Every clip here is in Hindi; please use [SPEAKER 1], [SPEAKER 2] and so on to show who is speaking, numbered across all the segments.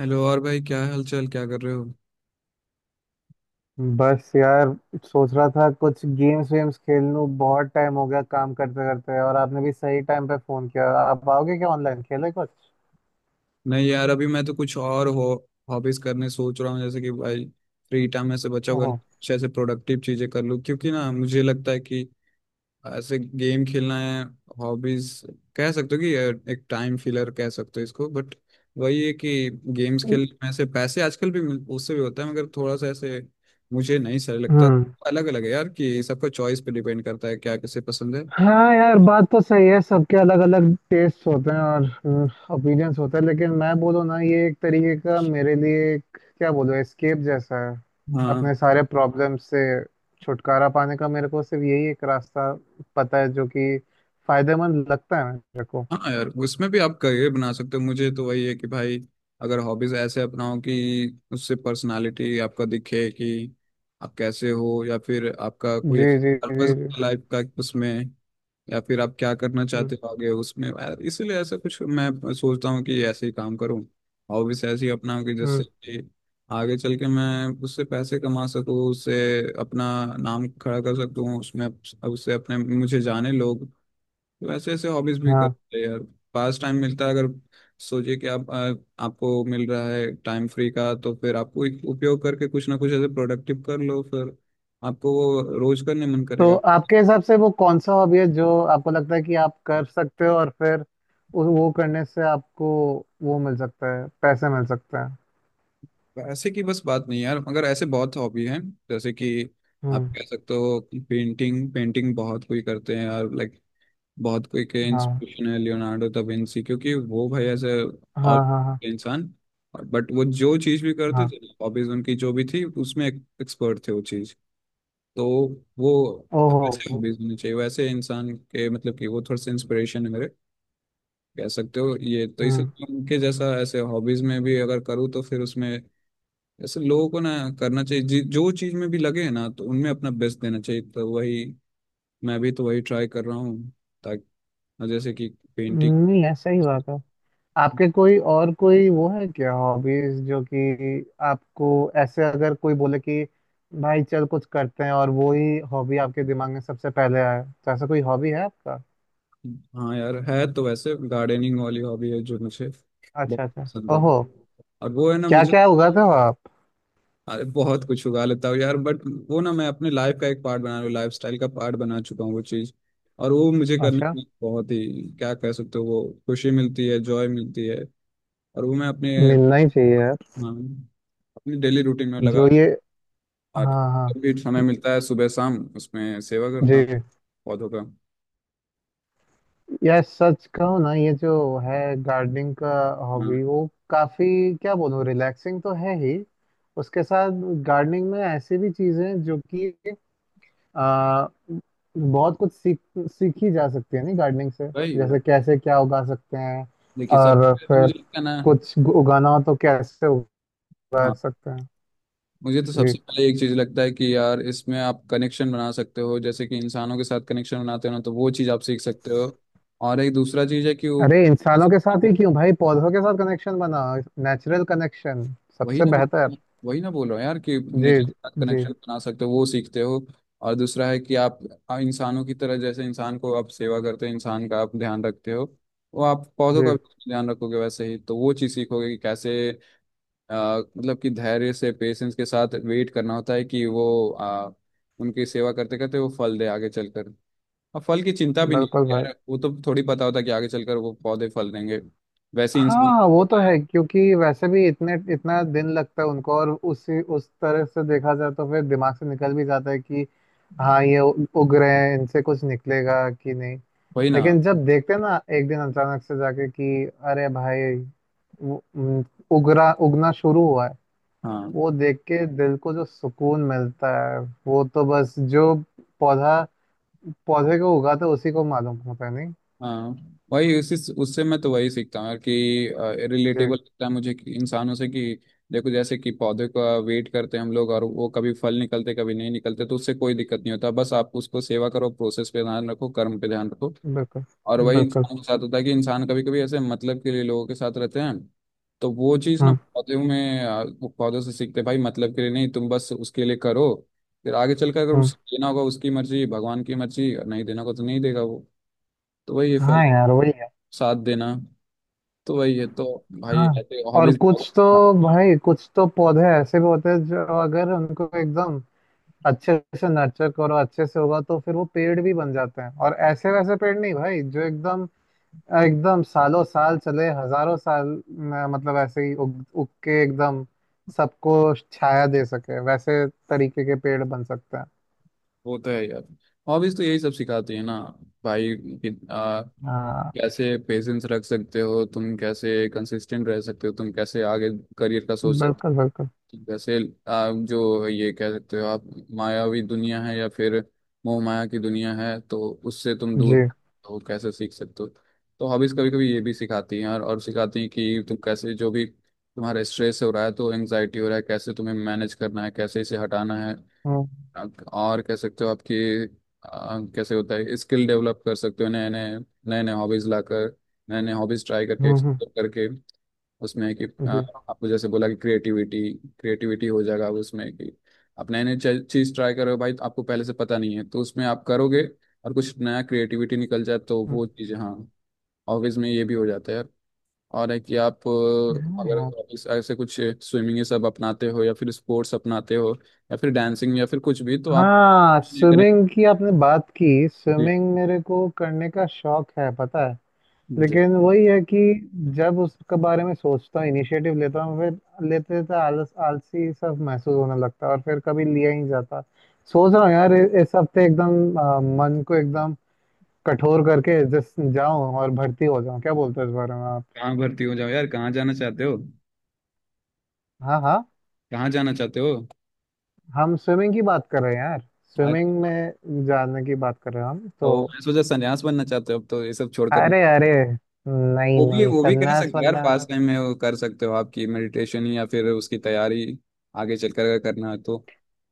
[SPEAKER 1] हेलो और भाई, क्या हाल चाल, क्या कर रहे हो।
[SPEAKER 2] बस यार, सोच रहा था कुछ गेम्स वेम्स खेल लूं, बहुत टाइम हो गया काम करते करते। और आपने भी सही टाइम पे फोन किया। आप आओगे क्या ऑनलाइन खेले कुछ?
[SPEAKER 1] नहीं यार, अभी मैं तो कुछ और हो हॉबीज करने सोच रहा हूँ। जैसे कि भाई फ्री टाइम में से बचा हुआ
[SPEAKER 2] ओहो।
[SPEAKER 1] अच्छे से प्रोडक्टिव चीजें कर लूँ, क्योंकि ना मुझे लगता है कि ऐसे गेम खेलना है हॉबीज, कह सकते हो कि ये एक टाइम फिलर कह सकते हो इसको, बट वही है कि गेम्स खेलने में से पैसे आजकल भी उससे भी होता है, मगर थोड़ा सा ऐसे मुझे नहीं सही लगता।
[SPEAKER 2] हम्म।
[SPEAKER 1] अलग अलग है यार कि सबका चॉइस पे डिपेंड करता है क्या किसे पसंद है।
[SPEAKER 2] हाँ यार, बात तो सही है। सबके अलग अलग टेस्ट होते हैं और ओपिनियंस होते हैं, लेकिन मैं बोलूँ ना, ये एक तरीके का मेरे लिए एक, क्या बोलूँ, एस्केप जैसा है।
[SPEAKER 1] हाँ,
[SPEAKER 2] अपने सारे प्रॉब्लम से छुटकारा पाने का मेरे को सिर्फ यही एक रास्ता पता है, जो कि फायदेमंद लगता है मेरे को।
[SPEAKER 1] हाँ यार, उसमें भी आप करियर बना सकते हो। मुझे तो वही है कि भाई अगर हॉबीज ऐसे अपनाओ कि उससे पर्सनालिटी आपका दिखे कि आप कैसे हो, या फिर आपका कोई
[SPEAKER 2] जी जी जी
[SPEAKER 1] पर्पस
[SPEAKER 2] जी।
[SPEAKER 1] लाइफ का उसमें, या फिर आप क्या करना
[SPEAKER 2] हम्म।
[SPEAKER 1] चाहते हो आगे उसमें यार, इसीलिए ऐसा कुछ मैं सोचता हूँ कि ऐसे ही काम करूँ। हॉबीज ऐसी अपनाऊँ कि जिससे
[SPEAKER 2] हम्म।
[SPEAKER 1] कि आगे चल के मैं उससे पैसे कमा सकूँ, उससे अपना नाम खड़ा कर सकूँ उसमें, उससे अपने मुझे जाने लोग। वैसे ऐसे हॉबीज भी
[SPEAKER 2] हाँ।
[SPEAKER 1] करते हैं यार, पास टाइम मिलता है। अगर सोचिए कि आप आपको मिल रहा है टाइम फ्री का, तो फिर आपको एक उपयोग करके कुछ ना कुछ ऐसे प्रोडक्टिव कर लो, फिर आपको वो रोज करने मन
[SPEAKER 2] तो
[SPEAKER 1] करेगा।
[SPEAKER 2] आपके हिसाब से वो कौन सा हॉबी है जो आपको लगता है कि आप कर सकते हो, और फिर वो करने से आपको वो मिल सकता है, पैसे मिल सकते हैं?
[SPEAKER 1] ऐसे की बस बात नहीं यार, मगर ऐसे बहुत हॉबी हैं। जैसे कि आप
[SPEAKER 2] हम्म।
[SPEAKER 1] कह सकते हो पेंटिंग, पेंटिंग बहुत कोई करते हैं यार। लाइक बहुत कोई के
[SPEAKER 2] हाँ
[SPEAKER 1] इंस्पिरेशन है लियोनार्डो दा विंची, क्योंकि वो भाई ऐसे ऑल
[SPEAKER 2] हाँ हाँ। हाँ
[SPEAKER 1] इंसान, बट वो जो चीज भी करते
[SPEAKER 2] हाँ।
[SPEAKER 1] थे, हॉबीज उनकी जो भी थी उसमें एक्सपर्ट थे वो चीज। तो वो वैसे
[SPEAKER 2] ओहो।
[SPEAKER 1] हॉबीज होनी चाहिए वैसे इंसान के, मतलब कि वो थोड़ा सा इंस्पिरेशन है मेरे, कह सकते हो ये, तो
[SPEAKER 2] हम्म।
[SPEAKER 1] इसलिए उनके जैसा ऐसे हॉबीज में भी अगर करूँ तो फिर उसमें ऐसे लोगों को ना करना चाहिए जो चीज में भी लगे ना, तो उनमें अपना बेस्ट देना चाहिए। तो वही मैं भी तो वही ट्राई कर रहा हूँ, ताकि जैसे कि पेंटिंग।
[SPEAKER 2] नहीं, है सही बात है। आपके कोई और कोई वो है क्या हॉबीज जो कि आपको, ऐसे अगर कोई बोले कि भाई चल कुछ करते हैं, और वो ही हॉबी आपके दिमाग में सबसे पहले आए, तो ऐसा कोई हॉबी है आपका?
[SPEAKER 1] हाँ यार, है तो वैसे गार्डनिंग वाली हॉबी है जो मुझे
[SPEAKER 2] अच्छा
[SPEAKER 1] बहुत
[SPEAKER 2] अच्छा।
[SPEAKER 1] पसंद है।
[SPEAKER 2] ओहो।
[SPEAKER 1] और वो है ना
[SPEAKER 2] क्या
[SPEAKER 1] मुझे,
[SPEAKER 2] क्या उगाते हो आप?
[SPEAKER 1] अरे बहुत कुछ उगा लेता हूँ यार। बट वो ना, मैं अपने लाइफ का एक पार्ट बना रहा हूँ, लाइफ स्टाइल का पार्ट बना चुका हूँ वो चीज़। और वो मुझे करने
[SPEAKER 2] अच्छा।
[SPEAKER 1] में बहुत ही क्या कह सकते हो, वो खुशी मिलती है, जॉय मिलती है। और वो मैं अपने,
[SPEAKER 2] मिलना ही चाहिए यार।
[SPEAKER 1] हाँ, अपनी डेली रूटीन में लगा
[SPEAKER 2] जो ये।
[SPEAKER 1] और
[SPEAKER 2] हाँ हाँ।
[SPEAKER 1] जब भी समय मिलता है सुबह शाम उसमें सेवा करता हूँ
[SPEAKER 2] जी।
[SPEAKER 1] पौधों का।
[SPEAKER 2] यार सच कहूँ ना, ये जो है गार्डनिंग का
[SPEAKER 1] हाँ
[SPEAKER 2] हॉबी वो काफी, क्या बोलूँ, रिलैक्सिंग तो है ही। उसके साथ गार्डनिंग में ऐसी भी चीजें हैं जो कि आ, बहुत कुछ सीखी जा सकती है नहीं, गार्डनिंग से।
[SPEAKER 1] वही है।
[SPEAKER 2] जैसे कैसे क्या उगा सकते हैं,
[SPEAKER 1] देखिए सब
[SPEAKER 2] और
[SPEAKER 1] मुझे
[SPEAKER 2] फिर
[SPEAKER 1] क्या ना,
[SPEAKER 2] कुछ उगाना हो तो कैसे उगा
[SPEAKER 1] हाँ,
[SPEAKER 2] सकते
[SPEAKER 1] मुझे तो
[SPEAKER 2] हैं।
[SPEAKER 1] सबसे पहले एक चीज लगता है कि यार इसमें आप कनेक्शन बना सकते हो। जैसे कि इंसानों के साथ कनेक्शन बनाते हो ना, तो वो चीज आप सीख सकते हो। और एक दूसरा चीज है कि वो,
[SPEAKER 2] अरे, इंसानों के साथ ही क्यों भाई? पौधों के साथ कनेक्शन बना। नेचुरल कनेक्शन
[SPEAKER 1] वही
[SPEAKER 2] सबसे
[SPEAKER 1] ना,
[SPEAKER 2] बेहतर।
[SPEAKER 1] वही ना बोल रहा हूँ यार कि
[SPEAKER 2] जी
[SPEAKER 1] नेचर के साथ
[SPEAKER 2] जी
[SPEAKER 1] कनेक्शन बना सकते हो, वो सीखते हो। और दूसरा है कि आप इंसानों की तरह, जैसे इंसान को आप सेवा करते हो, इंसान का आप ध्यान रखते हो, वो आप पौधों का
[SPEAKER 2] जी।
[SPEAKER 1] भी ध्यान रखोगे वैसे ही। तो वो चीज सीखोगे कि कैसे मतलब कि धैर्य से, पेशेंस के साथ वेट करना होता है कि वो उनकी सेवा करते करते वो फल दे आगे चलकर। और फल की चिंता भी नहीं
[SPEAKER 2] बिल्कुल
[SPEAKER 1] होती
[SPEAKER 2] भाई।
[SPEAKER 1] यार, वो तो थोड़ी पता होता है कि आगे चलकर वो पौधे फल देंगे। वैसे ही इंसान
[SPEAKER 2] हाँ,
[SPEAKER 1] को
[SPEAKER 2] वो तो
[SPEAKER 1] होता है।
[SPEAKER 2] है, क्योंकि वैसे भी इतने इतना दिन लगता है उनको, और उसी उस तरह से देखा जाए तो फिर दिमाग से निकल भी जाता है कि हाँ, ये उग रहे हैं, इनसे कुछ निकलेगा कि नहीं।
[SPEAKER 1] वही ना।
[SPEAKER 2] लेकिन जब देखते हैं ना एक दिन अचानक से जाके कि अरे भाई, वो- उम, उगरा उगना शुरू हुआ है,
[SPEAKER 1] हाँ,
[SPEAKER 2] वो देख के दिल को जो सुकून मिलता है, वो तो बस जो पौधा पौधे को उगाता है उसी को मालूम होता है नहीं।
[SPEAKER 1] हाँ। वही, उसी, उससे मैं तो वही सीखता हूँ यार कि
[SPEAKER 2] जी।
[SPEAKER 1] रिलेटेबल लगता है मुझे कि इंसानों से कि देखो, जैसे कि पौधे का वेट करते हैं हम लोग, और वो कभी फल निकलते कभी नहीं निकलते, तो उससे कोई दिक्कत नहीं होता। बस आप उसको सेवा करो, प्रोसेस पे ध्यान रखो, कर्म पे ध्यान रखो।
[SPEAKER 2] बिल्कुल
[SPEAKER 1] और वही
[SPEAKER 2] बिल्कुल।
[SPEAKER 1] इंसान के साथ होता है कि इंसान कभी कभी ऐसे मतलब के लिए लोगों के साथ रहते हैं। तो वो चीज़ ना
[SPEAKER 2] हम्म
[SPEAKER 1] पौधों में वो पौधों से सीखते हैं, भाई मतलब के लिए नहीं, तुम बस उसके लिए करो। फिर आगे चलकर अगर
[SPEAKER 2] हम्म।
[SPEAKER 1] उसे देना होगा उसकी मर्जी, भगवान की मर्जी, और नहीं देना होगा तो नहीं देगा वो। तो वही है फल
[SPEAKER 2] हाँ यार वही है।
[SPEAKER 1] साथ देना। तो वही है, तो भाई
[SPEAKER 2] हाँ।
[SPEAKER 1] ऐसे
[SPEAKER 2] और
[SPEAKER 1] हॉबीज बहुत
[SPEAKER 2] कुछ तो
[SPEAKER 1] सिखाती हैं।
[SPEAKER 2] भाई, कुछ तो पौधे ऐसे भी होते हैं जो अगर उनको एकदम अच्छे से नर्चर करो, अच्छे से होगा तो फिर वो पेड़ भी बन जाते हैं। और ऐसे वैसे पेड़ नहीं भाई, जो एकदम एकदम सालों साल चले हजारों साल में, मतलब ऐसे ही उग उग के एकदम सबको छाया दे सके, वैसे तरीके के पेड़ बन सकते हैं।
[SPEAKER 1] वो तो है यार, हॉबीज तो यही सब सिखाती है ना भाई कि
[SPEAKER 2] हाँ।
[SPEAKER 1] कैसे पेशेंस रख सकते हो तुम, कैसे कंसिस्टेंट रह सकते हो तुम, कैसे आगे करियर का सोच,
[SPEAKER 2] बिल्कुल बिल्कुल।
[SPEAKER 1] जैसे आप जो ये कह सकते हो, आप मायावी दुनिया है या फिर मोह माया की दुनिया है, तो उससे तुम दूर
[SPEAKER 2] जी।
[SPEAKER 1] हो कैसे सीख सकते हो। तो हॉबीज कभी कभी ये भी सिखाती हैं, और सिखाती हैं कि तुम कैसे जो भी तुम्हारा स्ट्रेस हो रहा है तो एंजाइटी हो रहा है, कैसे तुम्हें मैनेज करना है, कैसे इसे हटाना है।
[SPEAKER 2] हम्म
[SPEAKER 1] और कह सकते हो आपकी कैसे होता है, स्किल डेवलप कर सकते हो नए नए हॉबीज लाकर, नए नए हॉबीज ट्राई करके,
[SPEAKER 2] हम्म
[SPEAKER 1] एक्सप्लोर करके उसमें कि
[SPEAKER 2] जी।
[SPEAKER 1] आपको जैसे बोला कि क्रिएटिविटी, क्रिएटिविटी हो जाएगा उसमें कि आप नए नए चीज ट्राई करो भाई, तो आपको पहले से पता नहीं है तो उसमें आप करोगे और कुछ नया क्रिएटिविटी निकल जाए तो
[SPEAKER 2] हम्म,
[SPEAKER 1] वो चीज़, हाँ, ऑफिस में ये भी हो जाता है यार। और है कि आप
[SPEAKER 2] हाँ
[SPEAKER 1] अगर
[SPEAKER 2] यार।
[SPEAKER 1] ऑफिस ऐसे कुछ स्विमिंग ये सब अपनाते हो या फिर स्पोर्ट्स अपनाते हो या फिर डांसिंग या फिर कुछ भी, तो आप
[SPEAKER 2] हाँ,
[SPEAKER 1] कनेक्ट।
[SPEAKER 2] स्विमिंग की आपने बात की।
[SPEAKER 1] जी,
[SPEAKER 2] स्विमिंग मेरे को करने का शौक है, पता है।
[SPEAKER 1] जी।
[SPEAKER 2] लेकिन वही है कि जब उसके बारे में सोचता हूँ, इनिशिएटिव लेता हूँ, फिर लेते लेते आलस आलसी सब महसूस होने लगता है और फिर कभी लिया ही नहीं जाता। सोच रहा हूँ यार, इस हफ्ते एकदम मन को एकदम कठोर करके जिस जाऊं और भर्ती हो जाऊं। क्या बोलते हो इस बारे में आप?
[SPEAKER 1] कहाँ भर्ती हो जाओ यार, कहाँ जाना चाहते हो?
[SPEAKER 2] हाँ हाँ।
[SPEAKER 1] कहाँ जाना चाहते हो?
[SPEAKER 2] हम स्विमिंग की बात कर रहे हैं यार।
[SPEAKER 1] आज
[SPEAKER 2] स्विमिंग में जाने की बात कर रहे हैं हम तो।
[SPEAKER 1] ओ, मैं सोचा संन्यास बनना चाहते हो अब तो, ये सब छोड़कर।
[SPEAKER 2] अरे अरे, नहीं
[SPEAKER 1] वो भी,
[SPEAKER 2] नहीं,
[SPEAKER 1] वो भी कह
[SPEAKER 2] सन्नास
[SPEAKER 1] सकते हैं यार,
[SPEAKER 2] वन्नास।
[SPEAKER 1] फास्ट टाइम में वो कर सकते हो आपकी मेडिटेशन या फिर उसकी तैयारी आगे चलकर अगर करना है तो।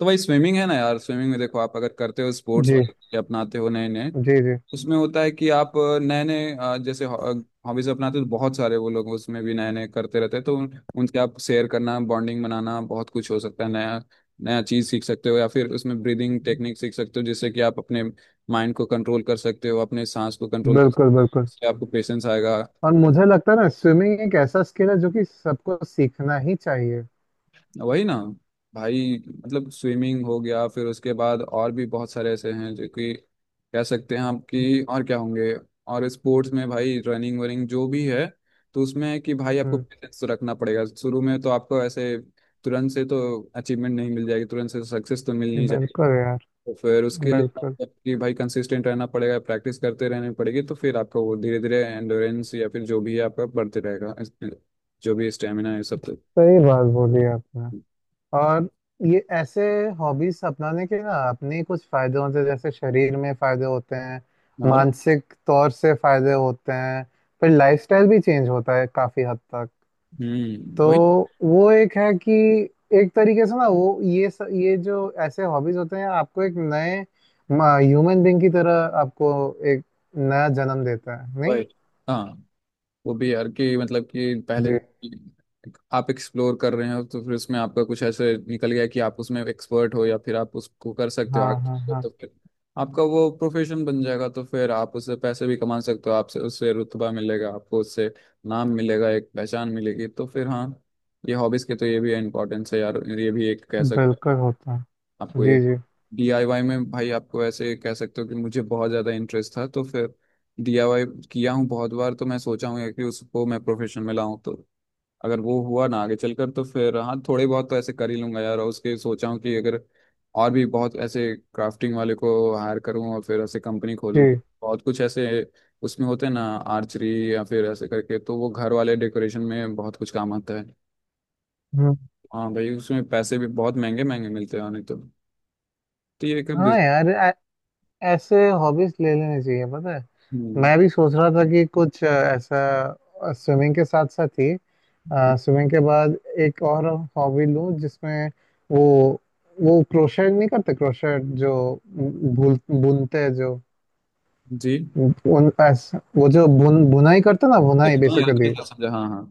[SPEAKER 1] तो भाई स्विमिंग है ना यार, स्विमिंग में देखो आप अगर करते हो स्पोर्ट्स
[SPEAKER 2] जी
[SPEAKER 1] वाले तरीके अपनाते हो नए नए,
[SPEAKER 2] जी जी।
[SPEAKER 1] उसमें होता है कि आप नए नए जैसे हॉबीज अपनाते हो, तो बहुत सारे वो लोग उसमें भी नए नए करते रहते हैं, तो उनसे आप शेयर करना, बॉन्डिंग बनाना, बहुत कुछ हो सकता है। नया नया चीज़ सीख सकते हो, या फिर उसमें ब्रीदिंग टेक्निक सीख सकते हो, जिससे कि आप अपने माइंड को कंट्रोल कर सकते हो, अपने सांस को कंट्रोल कर सकते
[SPEAKER 2] बिल्कुल
[SPEAKER 1] हो।
[SPEAKER 2] बिल्कुल।
[SPEAKER 1] इससे आपको पेशेंस आएगा।
[SPEAKER 2] और मुझे लगता है ना, स्विमिंग एक ऐसा स्किल है जो कि सबको सीखना ही चाहिए।
[SPEAKER 1] वही ना, भाई मतलब स्विमिंग हो गया, फिर उसके बाद और भी बहुत सारे ऐसे हैं जो कि कह सकते हैं आप कि और क्या होंगे। और स्पोर्ट्स में भाई रनिंग वनिंग जो भी है, तो उसमें है कि भाई आपको
[SPEAKER 2] हम्म।
[SPEAKER 1] पेशेंस तो रखना पड़ेगा शुरू में, तो आपको ऐसे तुरंत से तो अचीवमेंट नहीं मिल जाएगी, तुरंत से सक्सेस तो मिल नहीं जाएगी।
[SPEAKER 2] बिल्कुल यार।
[SPEAKER 1] तो फिर उसके लिए
[SPEAKER 2] बिल्कुल।
[SPEAKER 1] आपको कि भाई कंसिस्टेंट रहना पड़ेगा, प्रैक्टिस करते रहने पड़ेगी, तो फिर आपका वो धीरे धीरे एंडोरेंस या फिर जो भी है आपका बढ़ते रहेगा। जो भी स्टेमिना है सब, तो
[SPEAKER 2] सही बात बोली आपने। और ये ऐसे हॉबीज अपनाने के ना, अपने ही कुछ फायदे होते हैं, जैसे शरीर में फायदे होते हैं,
[SPEAKER 1] और।
[SPEAKER 2] मानसिक तौर से फायदे होते हैं, फिर लाइफस्टाइल भी चेंज होता है काफी हद तक।
[SPEAKER 1] हम्म,
[SPEAKER 2] तो
[SPEAKER 1] वही
[SPEAKER 2] वो एक है कि एक तरीके से ना, वो ये ये जो ऐसे हॉबीज होते हैं, आपको एक नए ह्यूमन बीइंग की तरह आपको एक नया जन्म देता है नहीं।
[SPEAKER 1] वही। हाँ, वो भी यार कि मतलब कि पहले
[SPEAKER 2] जी।
[SPEAKER 1] आप एक्सप्लोर कर रहे हो, तो फिर उसमें आपका कुछ ऐसे निकल गया कि आप उसमें एक्सपर्ट हो या फिर आप उसको कर सकते हो
[SPEAKER 2] हाँ हाँ
[SPEAKER 1] आगे,
[SPEAKER 2] हाँ।
[SPEAKER 1] तो फिर आपका वो प्रोफेशन बन जाएगा, तो फिर आप उससे पैसे भी कमा सकते हो। आपसे उससे रुतबा मिलेगा आपको, उससे नाम मिलेगा, एक पहचान मिलेगी, तो फिर हाँ, ये हॉबीज के तो ये भी इम्पोर्टेंस है यार, ये भी एक कह सकते हैं
[SPEAKER 2] बिल्कुल होता है।
[SPEAKER 1] आपको ये।
[SPEAKER 2] जी जी
[SPEAKER 1] डीआईवाई में भाई, आपको ऐसे कह सकते हो कि मुझे बहुत ज़्यादा इंटरेस्ट था, तो फिर डीआईवाई किया हूँ बहुत बार, तो मैं सोचा हूँ कि उसको मैं प्रोफेशन में लाऊं, तो अगर वो हुआ ना आगे चलकर तो फिर हाँ, थोड़े बहुत तो ऐसे कर ही लूंगा यार। और उसके सोचा हूँ कि अगर और भी बहुत ऐसे क्राफ्टिंग वाले को हायर करूँ और फिर ऐसे कंपनी खोलूँ।
[SPEAKER 2] जी।
[SPEAKER 1] बहुत कुछ ऐसे उसमें होते हैं ना आर्चरी या फिर ऐसे करके, तो वो घर वाले डेकोरेशन में बहुत कुछ काम आता है।
[SPEAKER 2] हम्म,
[SPEAKER 1] हाँ भाई, उसमें पैसे भी बहुत महंगे महंगे मिलते हैं नहीं तो। तो ये एक
[SPEAKER 2] हाँ यार। ऐसे हॉबीज ले लेने चाहिए, पता है।
[SPEAKER 1] हम्म।
[SPEAKER 2] मैं भी सोच रहा था कि कुछ ऐसा, स्विमिंग के साथ साथ ही, स्विमिंग के बाद एक और हॉबी लूं जिसमें वो वो क्रोशेट नहीं करते? क्रोशेट जो भूल बुनते हैं, जो
[SPEAKER 1] जी।
[SPEAKER 2] उन ऐसा वो जो बुनाई करते हैं ना, बुनाई
[SPEAKER 1] हाँ यार,
[SPEAKER 2] बेसिकली।
[SPEAKER 1] कैसे समझा, हाँ हाँ।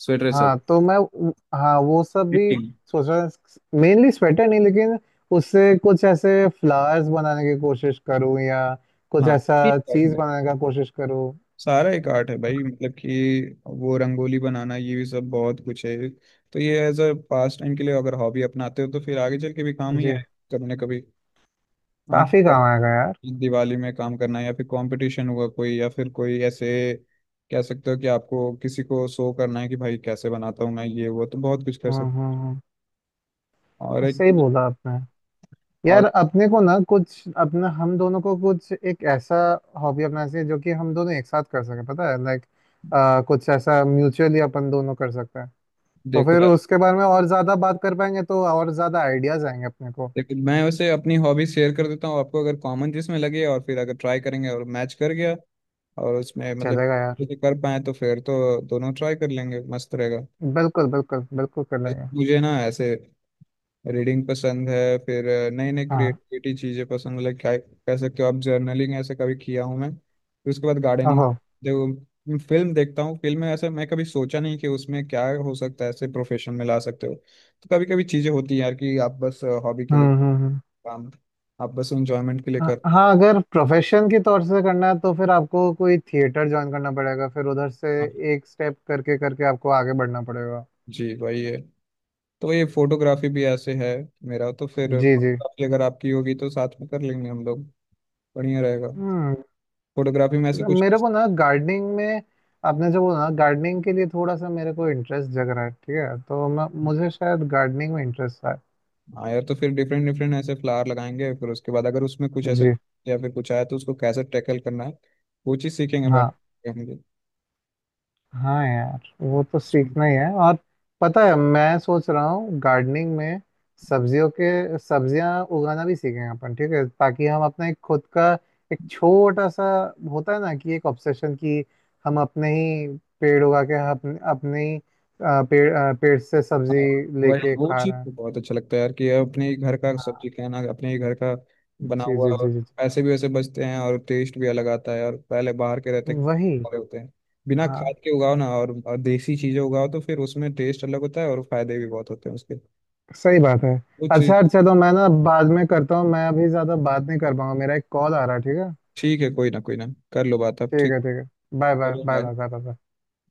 [SPEAKER 1] स्वेटर सब,
[SPEAKER 2] हाँ तो मैं हाँ वो सब भी
[SPEAKER 1] फिटिंग।
[SPEAKER 2] सोच रहा हूँ, मेनली स्वेटर नहीं, लेकिन उससे कुछ ऐसे फ्लावर्स बनाने की कोशिश करूँ या कुछ
[SPEAKER 1] हाँ,
[SPEAKER 2] ऐसा
[SPEAKER 1] ये आर्ट
[SPEAKER 2] चीज
[SPEAKER 1] है।
[SPEAKER 2] बनाने का कोशिश करूँ।
[SPEAKER 1] सारा एक आर्ट है भाई, मतलब कि वो रंगोली बनाना ये भी सब बहुत कुछ है। तो ये एज अ पास टाइम के लिए अगर हॉबी अपनाते हो तो फिर आगे चल के भी काम ही
[SPEAKER 2] जी।
[SPEAKER 1] आए कभी ना कभी
[SPEAKER 2] काफी
[SPEAKER 1] आपको,
[SPEAKER 2] काम आएगा यार।
[SPEAKER 1] दिवाली में काम करना है या फिर कंपटीशन हुआ कोई या फिर कोई ऐसे कह सकते हो कि आपको किसी को शो करना है कि भाई कैसे बनाता हूँ मैं, ये वो तो बहुत कुछ कर
[SPEAKER 2] हम्म
[SPEAKER 1] सकते
[SPEAKER 2] हम्म हम्म।
[SPEAKER 1] हो। और एक,
[SPEAKER 2] सही बोला आपने। यार
[SPEAKER 1] और
[SPEAKER 2] अपने को ना, कुछ अपना हम दोनों को कुछ एक ऐसा हॉबी अपनाना चाहिए जो कि हम दोनों एक साथ कर सके, पता है, लाइक कुछ ऐसा म्यूचुअली अपन दोनों कर सकते हैं। तो
[SPEAKER 1] देखो,
[SPEAKER 2] फिर उसके बारे में और ज्यादा बात कर पाएंगे, तो और ज्यादा आइडियाज आएंगे अपने को।
[SPEAKER 1] लेकिन मैं उसे अपनी हॉबी शेयर कर देता हूँ आपको, अगर कॉमन जिसमें लगे और फिर अगर ट्राई करेंगे और मैच कर गया और उसमें मतलब
[SPEAKER 2] चलेगा यार।
[SPEAKER 1] किसी कर पाए, तो फिर तो दोनों ट्राई कर लेंगे, मस्त रहेगा।
[SPEAKER 2] बिल्कुल बिल्कुल बिल्कुल कर लेंगे।
[SPEAKER 1] मुझे ना ऐसे रीडिंग पसंद है, फिर नई नई
[SPEAKER 2] हाँ।
[SPEAKER 1] क्रिएटिविटी चीज़ें पसंद है। लाइक क्या कह सकते हो आप, जर्नलिंग ऐसे कभी किया हूँ मैं, फिर उसके बाद गार्डनिंग।
[SPEAKER 2] ओहो।
[SPEAKER 1] देखो, फिल्म देखता हूँ, फिल्म में ऐसे मैं कभी सोचा नहीं कि उसमें क्या हो सकता है, ऐसे प्रोफेशन में ला सकते हो। तो कभी कभी चीज़ें होती हैं यार कि आप बस हॉबी के लिए
[SPEAKER 2] हम्म हम्म हम्म।
[SPEAKER 1] काम, आप बस इंजॉयमेंट के लिए
[SPEAKER 2] हाँ
[SPEAKER 1] कर,
[SPEAKER 2] हाँ, अगर प्रोफेशन के तौर से करना है तो फिर आपको कोई थिएटर ज्वाइन करना पड़ेगा, फिर उधर से
[SPEAKER 1] हाँ।
[SPEAKER 2] एक स्टेप करके करके आपको आगे बढ़ना पड़ेगा।
[SPEAKER 1] जी वही है। तो ये फोटोग्राफी भी ऐसे है, मेरा, तो फिर
[SPEAKER 2] जी जी।
[SPEAKER 1] फोटोग्राफी अगर आपकी होगी तो साथ में कर लेंगे हम लोग, बढ़िया रहेगा।
[SPEAKER 2] हम्म।
[SPEAKER 1] फोटोग्राफी में ऐसे कुछ,
[SPEAKER 2] मेरे को ना गार्डनिंग में, आपने जो बोला ना गार्डनिंग के लिए, थोड़ा सा मेरे को इंटरेस्ट जग रहा है, ठीक है? तो मैं मुझे शायद गार्डनिंग में इंटरेस्ट है।
[SPEAKER 1] हाँ यार, तो फिर डिफरेंट डिफरेंट ऐसे फ्लावर लगाएंगे, फिर उसके बाद अगर उसमें कुछ ऐसे
[SPEAKER 2] जी।
[SPEAKER 1] या फिर कुछ आया तो उसको कैसे टैकल करना है, वो चीज़ सीखेंगे बैठ
[SPEAKER 2] हाँ।
[SPEAKER 1] के हम
[SPEAKER 2] हाँ यार, वो तो
[SPEAKER 1] लोग।
[SPEAKER 2] सीखना ही है। और पता है मैं सोच रहा हूँ गार्डनिंग में सब्जियों के सब्जियां उगाना भी सीखेंगे अपन, ठीक है, ताकि हम अपना एक खुद का एक छोटा सा, होता है ना कि एक ऑब्सेशन, कि हम अपने ही पेड़ उगा के अपने अपने ही पेड़ से
[SPEAKER 1] हाँ,
[SPEAKER 2] सब्जी
[SPEAKER 1] वही,
[SPEAKER 2] लेके
[SPEAKER 1] वो
[SPEAKER 2] खा
[SPEAKER 1] चीज़
[SPEAKER 2] रहे
[SPEAKER 1] तो
[SPEAKER 2] हैं।
[SPEAKER 1] बहुत अच्छा लगता है यार कि अपने ही घर का
[SPEAKER 2] हाँ।
[SPEAKER 1] सब्जी खाना, अपने ही घर का बना
[SPEAKER 2] जी
[SPEAKER 1] हुआ,
[SPEAKER 2] जी
[SPEAKER 1] और
[SPEAKER 2] जी जी।
[SPEAKER 1] पैसे भी वैसे बचते हैं, और टेस्ट भी अलग आता है, और पहले बाहर के रहते
[SPEAKER 2] जी वही।
[SPEAKER 1] वाले होते हैं बिना
[SPEAKER 2] हाँ।
[SPEAKER 1] खाद के उगाओ ना, और देसी चीजें उगाओ तो फिर उसमें टेस्ट अलग होता है और फायदे भी बहुत होते हैं उसके,
[SPEAKER 2] सही बात है।
[SPEAKER 1] वो चीज।
[SPEAKER 2] अच्छा अच्छा, तो मैं ना बाद में करता हूँ। मैं अभी ज़्यादा बात नहीं कर पाऊंगा, मेरा एक कॉल आ रहा है, ठीक है?
[SPEAKER 1] ठीक है, कोई ना, कोई ना, कर लो बात अब,
[SPEAKER 2] ठीक
[SPEAKER 1] ठीक।
[SPEAKER 2] है। ठीक है। बाय बाय
[SPEAKER 1] चलो
[SPEAKER 2] bye
[SPEAKER 1] bye.
[SPEAKER 2] Bye bye bye.